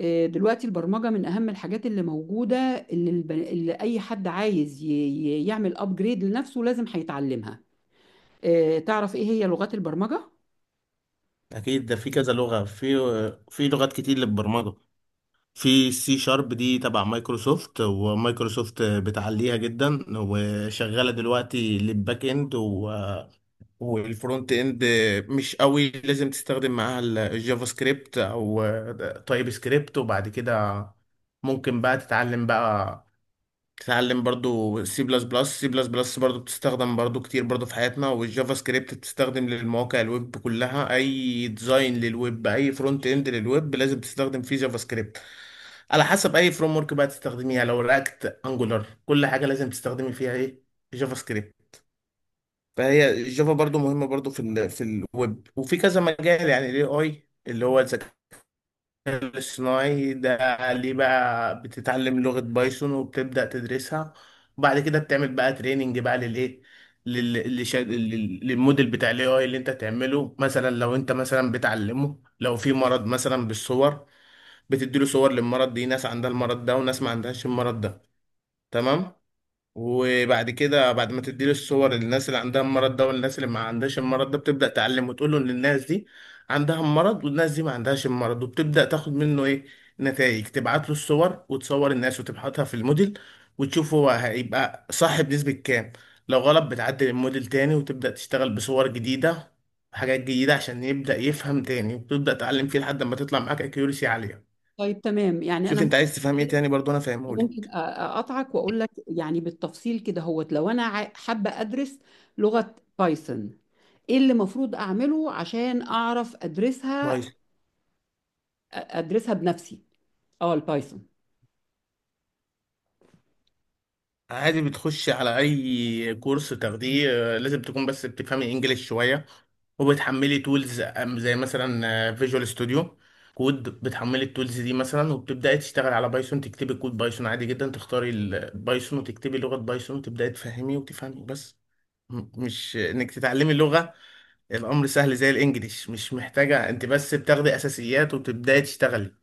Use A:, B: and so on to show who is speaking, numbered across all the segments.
A: دلوقتي البرمجة من أهم الحاجات اللي موجودة، اللي أي حد عايز يعمل أبجريد لنفسه لازم هيتعلمها. تعرف إيه هي لغات البرمجة؟
B: اكيد، ده في كذا لغه. في لغات كتير للبرمجه. في سي شارب دي تبع مايكروسوفت، ومايكروسوفت بتعليها جدا، وشغاله دلوقتي للباك اند والفرونت اند. مش قوي لازم تستخدم معاها الجافا سكريبت او تايب سكريبت. وبعد كده ممكن بقى تتعلم بقى. تتعلم برضو سي بلس بلس، سي بلس بلس برضو بتستخدم برضو كتير برضو في حياتنا. والجافا سكريبت بتستخدم للمواقع الويب كلها، اي ديزاين للويب، اي فرونت اند للويب لازم تستخدم فيه جافا سكريبت. على حسب اي فريم ورك بقى تستخدميها، لو رياكت، انجولار، كل حاجه لازم تستخدمي فيها ايه؟ جافا سكريبت. فهي الجافا برضو مهمه برضو في الويب، وفي كذا مجال. يعني الاي اي، اللي هو الذكاء الاصطناعي ده، ليه بقى بتتعلم لغة بايثون وبتبدأ تدرسها؟ وبعد كده بتعمل بقى تريننج بقى للايه، للموديل بتاع الاي اي اللي انت تعمله. مثلا لو انت مثلا بتعلمه، لو في مرض مثلا بالصور، بتديله صور للمرض، دي ناس عندها المرض ده وناس ما عندهاش المرض ده. تمام؟ وبعد كده، بعد ما تديله الصور للناس اللي عندها المرض ده والناس اللي ما عندهاش المرض ده، بتبدأ تعلم وتقول له ان الناس دي عندها المرض والناس دي ما عندهاش المرض. وبتبدأ تاخد منه ايه؟ نتائج. تبعت له الصور وتصور الناس وتبحثها في الموديل، وتشوف هو هيبقى صح بنسبة كام. لو غلط بتعدل الموديل تاني، وتبدأ تشتغل بصور جديدة، حاجات جديدة، عشان يبدأ يفهم تاني. وتبدأ تعلم فيه لحد ما تطلع معاك اكيورسي عالية.
A: طيب، تمام. يعني
B: شوف
A: أنا
B: انت عايز تفهم ايه تاني برضه، انا
A: ممكن
B: فاهمهولك.
A: أقطعك وأقول لك يعني بالتفصيل كده هوت. لو أنا حابة أدرس لغة بايثون، إيه اللي المفروض أعمله عشان أعرف أدرسها
B: طيب،
A: أدرسها بنفسي؟ أه، البايثون.
B: عادي، بتخش على اي كورس تاخديه. لازم تكون بس بتفهمي انجليش شويه، وبتحملي تولز زي مثلا فيجوال ستوديو كود. بتحملي التولز دي مثلا، وبتبداي تشتغل على بايثون، تكتبي كود بايثون عادي جدا، تختاري البايثون وتكتبي لغه بايثون، وتبداي تفهمي وتفهمي بس. مش انك تتعلمي لغه، الامر سهل زي الانجليش، مش محتاجه، انت بس بتاخدي اساسيات وتبداي تشتغلي.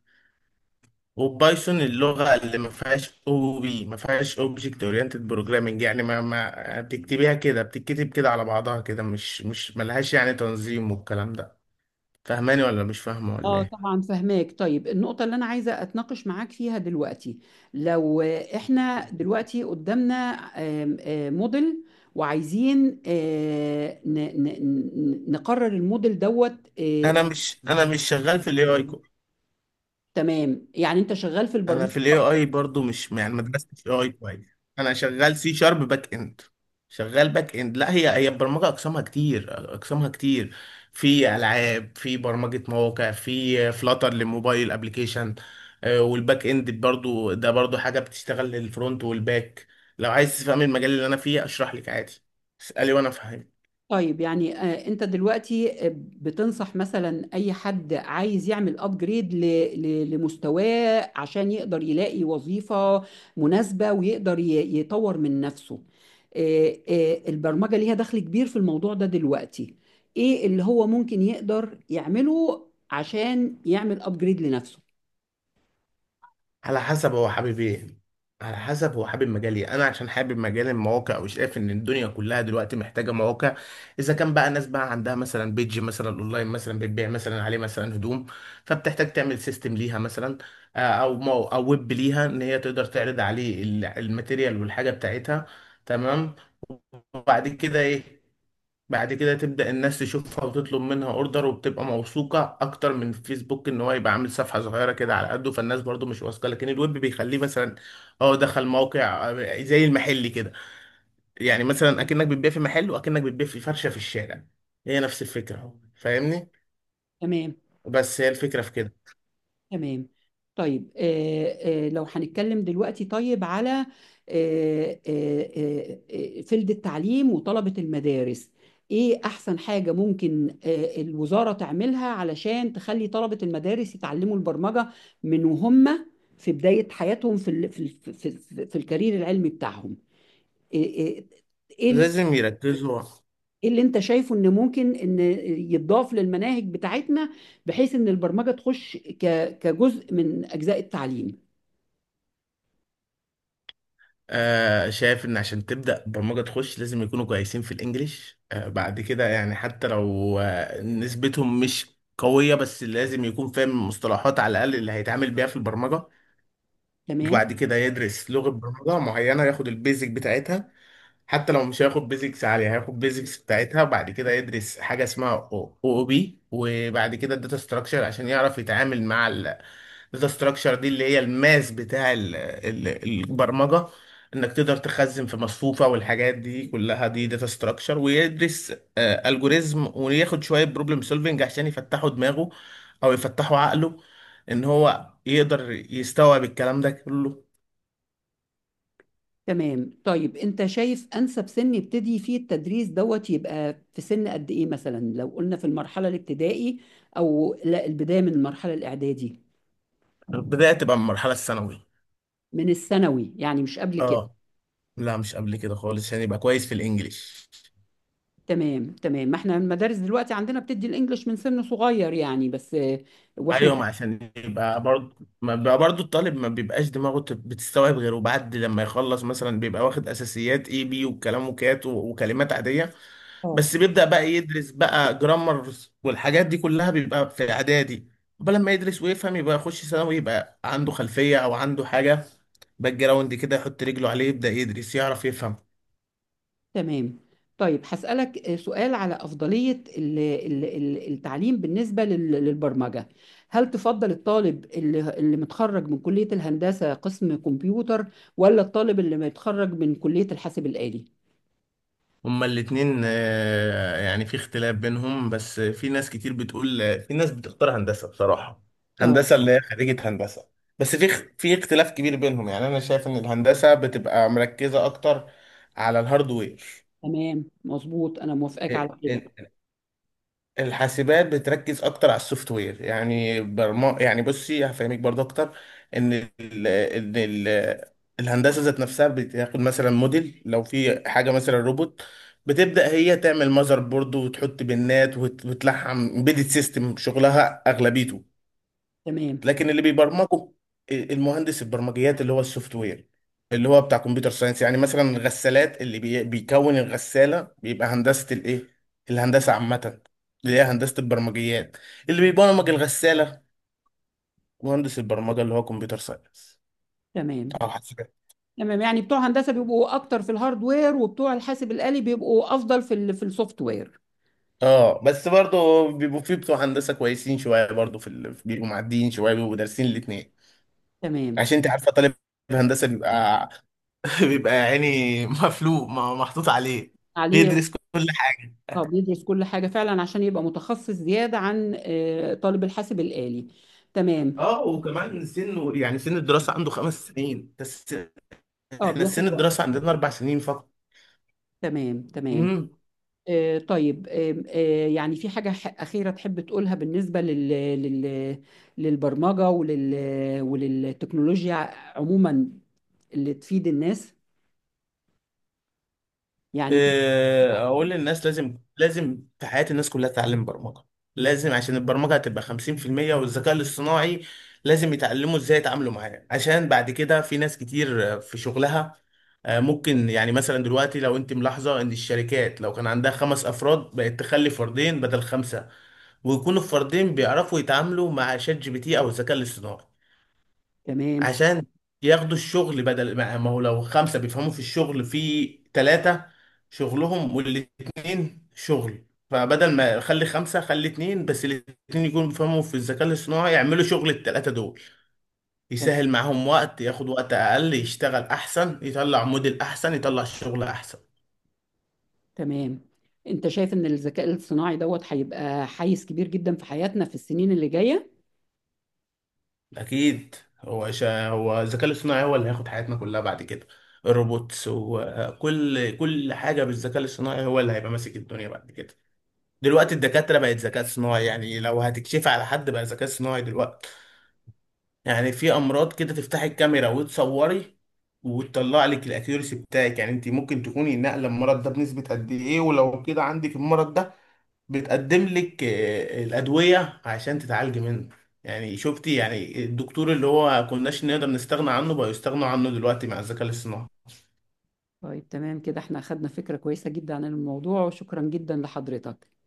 B: وبايثون اللغة اللي ما فيهاش او بي، ما فيهاش اوبجكت اورينتد بروجرامنج، يعني ما بتكتبيها كده، بتتكتب كده على بعضها كده، مش ملهاش يعني تنظيم والكلام ده. فاهماني ولا مش فاهمة ولا
A: اه،
B: ايه؟
A: طبعا فهماك. طيب، النقطة اللي أنا عايزة أتناقش معاك فيها دلوقتي، لو إحنا دلوقتي قدامنا آم، آه، موديل وعايزين نقرر الموديل دوت. آه،
B: انا مش شغال في الاي اي.
A: تمام. يعني أنت شغال في
B: انا
A: البرمجة.
B: في الاي اي برضو، مش يعني ما درستش اي اي كويس. انا شغال سي شارب باك اند، شغال باك اند. لا، هي البرمجه اقسامها كتير، اقسامها كتير. في العاب، في برمجه مواقع، في فلاتر للموبايل ابلكيشن، والباك اند برضو ده برضو حاجه بتشتغل للفرونت والباك. لو عايز تفهم المجال اللي انا فيه اشرح لك عادي، اسالي وانا افهمك.
A: طيب، يعني انت دلوقتي بتنصح مثلا اي حد عايز يعمل ابجريد لمستواه عشان يقدر يلاقي وظيفة مناسبة، ويقدر يطور من نفسه. البرمجة ليها دخل كبير في الموضوع ده دلوقتي. ايه اللي هو ممكن يقدر يعمله عشان يعمل ابجريد لنفسه؟
B: على حسب هو حابب ايه، على حسب هو حابب مجال ايه. انا عشان حابب مجال المواقع وشايف ان الدنيا كلها دلوقتي محتاجه مواقع. اذا كان بقى ناس بقى عندها مثلا بيج مثلا اونلاين، مثلا بتبيع مثلا عليه مثلا هدوم، فبتحتاج تعمل سيستم ليها مثلا، او ويب ليها، ان هي تقدر تعرض عليه الماتيريال والحاجه بتاعتها. تمام. وبعد كده ايه؟ بعد كده تبدأ الناس تشوفها وتطلب منها اوردر، وبتبقى موثوقة اكتر من فيسبوك، ان هو يبقى عامل صفحة صغيرة كده على قده، فالناس برضو مش واثقة. لكن الويب بيخليه مثلا اه دخل موقع، زي المحل كده. يعني مثلا اكنك بتبيع في محل، واكنك بتبيع في فرشة في الشارع، هي نفس الفكرة. فاهمني؟
A: تمام،
B: بس هي الفكرة في كده.
A: تمام. طيب، لو هنتكلم دلوقتي طيب على آه، آه، فيلد التعليم وطلبة المدارس، ايه احسن حاجة ممكن الوزارة تعملها علشان تخلي طلبة المدارس يتعلموا البرمجة من وهم في بداية حياتهم، في في الكارير العلمي بتاعهم؟ ايه إيه- إيه ال-
B: لازم يركزوا.
A: إيه اللي انت شايفه ان ممكن ان يتضاف للمناهج بتاعتنا، بحيث ان البرمجة تخش كجزء من اجزاء التعليم.
B: شايف ان عشان تبدأ برمجة تخش لازم يكونوا كويسين في الانجليش، بعد كده، يعني حتى لو نسبتهم مش قوية، بس لازم يكون فاهم المصطلحات على الأقل اللي هيتعامل بيها في البرمجة.
A: تمام،
B: وبعد كده يدرس لغة برمجة معينة، ياخد البيزك بتاعتها، حتى لو مش هياخد بيزكس عالية هياخد بيزكس بتاعتها. وبعد كده يدرس حاجة اسمها او او بي، وبعد كده الداتا ستراكشر، عشان يعرف يتعامل مع الداتا ستراكشر دي اللي هي الماس بتاع البرمجة. انك تقدر تخزن في مصفوفة والحاجات دي كلها دي داتا ستراكشر. ويدرس الجوريزم، وياخد شوية بروبلم سولفنج، عشان يفتحوا دماغه او يفتحوا عقله، ان هو يقدر يستوعب الكلام ده كله.
A: تمام. طيب، انت شايف انسب سن يبتدي فيه التدريس دوت يبقى في سن قد ايه؟ مثلا لو قلنا في المرحله الابتدائي، او لا البدايه من المرحله الاعدادي؟
B: البداية تبقى من المرحلة الثانوية.
A: من الثانوي، يعني مش قبل كده؟
B: اه، لا، مش قبل كده خالص، عشان يبقى كويس في الانجليش.
A: تمام، تمام. ما احنا المدارس دلوقتي عندنا بتدي الانجليش من سن صغير يعني، بس واحنا.
B: ايوه، ما عشان يبقى برضه، ما بيبقى برضه الطالب ما بيبقاش دماغه بتستوعب غيره. بعد لما يخلص مثلا بيبقى واخد اساسيات اي بي والكلام وكات وكلمات عاديه.
A: اه.
B: بس بيبدأ بقى يدرس بقى جرامر والحاجات دي كلها، بيبقى في اعدادي. قبل لما يدرس ويفهم، يبقى يخش ثانوي يبقى عنده خلفيه او عنده حاجه باك جراوند كده يحط رجله عليه، يبدأ يدرس يعرف يفهم.
A: تمام، طيب هسألك سؤال على أفضلية التعليم بالنسبة للبرمجة. هل تفضل الطالب اللي متخرج من كلية الهندسة قسم كمبيوتر، ولا الطالب اللي متخرج من كلية الحاسب الآلي؟
B: هما الاتنين يعني في اختلاف بينهم، بس في ناس كتير بتقول، في ناس بتختار هندسة بصراحة،
A: اه.
B: هندسة اللي هي خريجة هندسة. بس في اختلاف كبير بينهم. يعني أنا شايف إن الهندسة بتبقى مركزة أكتر على الهاردوير.
A: تمام مظبوط، أنا موافقاك على كده.
B: الحاسبات بتركز اكتر على السوفت وير. يعني برما يعني بصي هفهمك برضه اكتر، ان الهندسه ذات نفسها بتاخد مثلا موديل، لو في حاجه مثلا روبوت، بتبدا هي تعمل ماذر بورد وتحط بنات وتلحم امبيدد سيستم، شغلها اغلبيته.
A: تمام،
B: لكن اللي بيبرمجوا المهندس البرمجيات اللي هو السوفت وير، اللي هو بتاع كمبيوتر ساينس، يعني مثلا الغسالات اللي بيكون الغسالة بيبقى هندسة الايه، الهندسة عامة، اللي هي هندسة البرمجيات، اللي بيبرمج الغسالة مهندس البرمجة، اللي هو كمبيوتر ساينس.
A: تمام.
B: اه، حسابات.
A: تمام، يعني بتوع هندسة بيبقوا أكتر في الهاردوير، وبتوع الحاسب الآلي بيبقوا أفضل في السوفت وير.
B: اه، بس برضه بيبقوا في بتوع هندسة كويسين شوية برضه بيبقوا معديين شوية، بيبقوا دارسين الاتنين.
A: تمام.
B: عشان انت عارفة، طالب هندسة بيبقى بيبقى يعني مفلوق، محطوط عليه.
A: عليه.
B: بيدرس كل.
A: اه، بيدرس كل حاجة فعلا عشان يبقى متخصص زيادة عن طالب الحاسب الآلي. تمام.
B: اه، وكمان سن، يعني سن الدراسة عنده 5 سنين بس،
A: اه،
B: احنا سن
A: بياخد وقت.
B: الدراسة عندنا 4 سنين فقط.
A: تمام، تمام.
B: امم
A: طيب، آم، آه، يعني في حاجة أخيرة تحب تقولها بالنسبة لل... للبرمجة وللتكنولوجيا عموما، اللي تفيد الناس يعني؟
B: اقول للناس، لازم لازم في حياة الناس كلها تتعلم برمجة. لازم، عشان البرمجة هتبقى 50% والذكاء الاصطناعي. لازم يتعلموا ازاي يتعاملوا معاه، عشان بعد كده في ناس كتير في شغلها، ممكن، يعني مثلا دلوقتي، لو انت ملاحظة ان الشركات لو كان عندها خمس افراد بقت تخلي فردين بدل خمسة. ويكونوا الفردين بيعرفوا يتعاملوا مع شات جي بي تي او الذكاء الاصطناعي،
A: تمام،
B: عشان ياخدوا الشغل، بدل ما هو لو خمسة بيفهموا في الشغل، في ثلاثة شغلهم والاتنين شغل، فبدل ما خلي خمسة خلي اتنين بس الاتنين يكونوا بيفهموا في الذكاء الاصطناعي، يعملوا شغل التلاتة دول،
A: تمام.
B: يسهل معاهم وقت، ياخد وقت أقل، يشتغل أحسن، يطلع موديل أحسن، يطلع شغل أحسن.
A: تمام، انت شايف ان الذكاء الصناعي دوت هيبقى حيز كبير جدا في حياتنا في السنين اللي جاية؟
B: أكيد. هو الذكاء الاصطناعي هو اللي هياخد حياتنا كلها بعد كده. الروبوتس وكل كل حاجة بالذكاء الاصطناعي هو اللي هيبقى ماسك الدنيا بعد كده. دلوقتي الدكاترة بقت ذكاء صناعي، يعني لو هتكشفي على حد بقى ذكاء صناعي دلوقتي، يعني في أمراض كده تفتحي الكاميرا وتصوري وتطلع لك الأكيورسي بتاعك، يعني أنت ممكن تكوني ناقلة المرض ده بنسبة قد إيه، ولو كده عندك المرض ده، بتقدم لك الأدوية عشان تتعالجي منه. يعني شفتي، يعني الدكتور اللي هو كناش نقدر نستغنى عنه بقى يستغنى عنه دلوقتي مع الذكاء الاصطناعي.
A: طيب، تمام كده. احنا أخدنا فكرة كويسة جدا عن الموضوع، وشكرا جدا لحضرتك.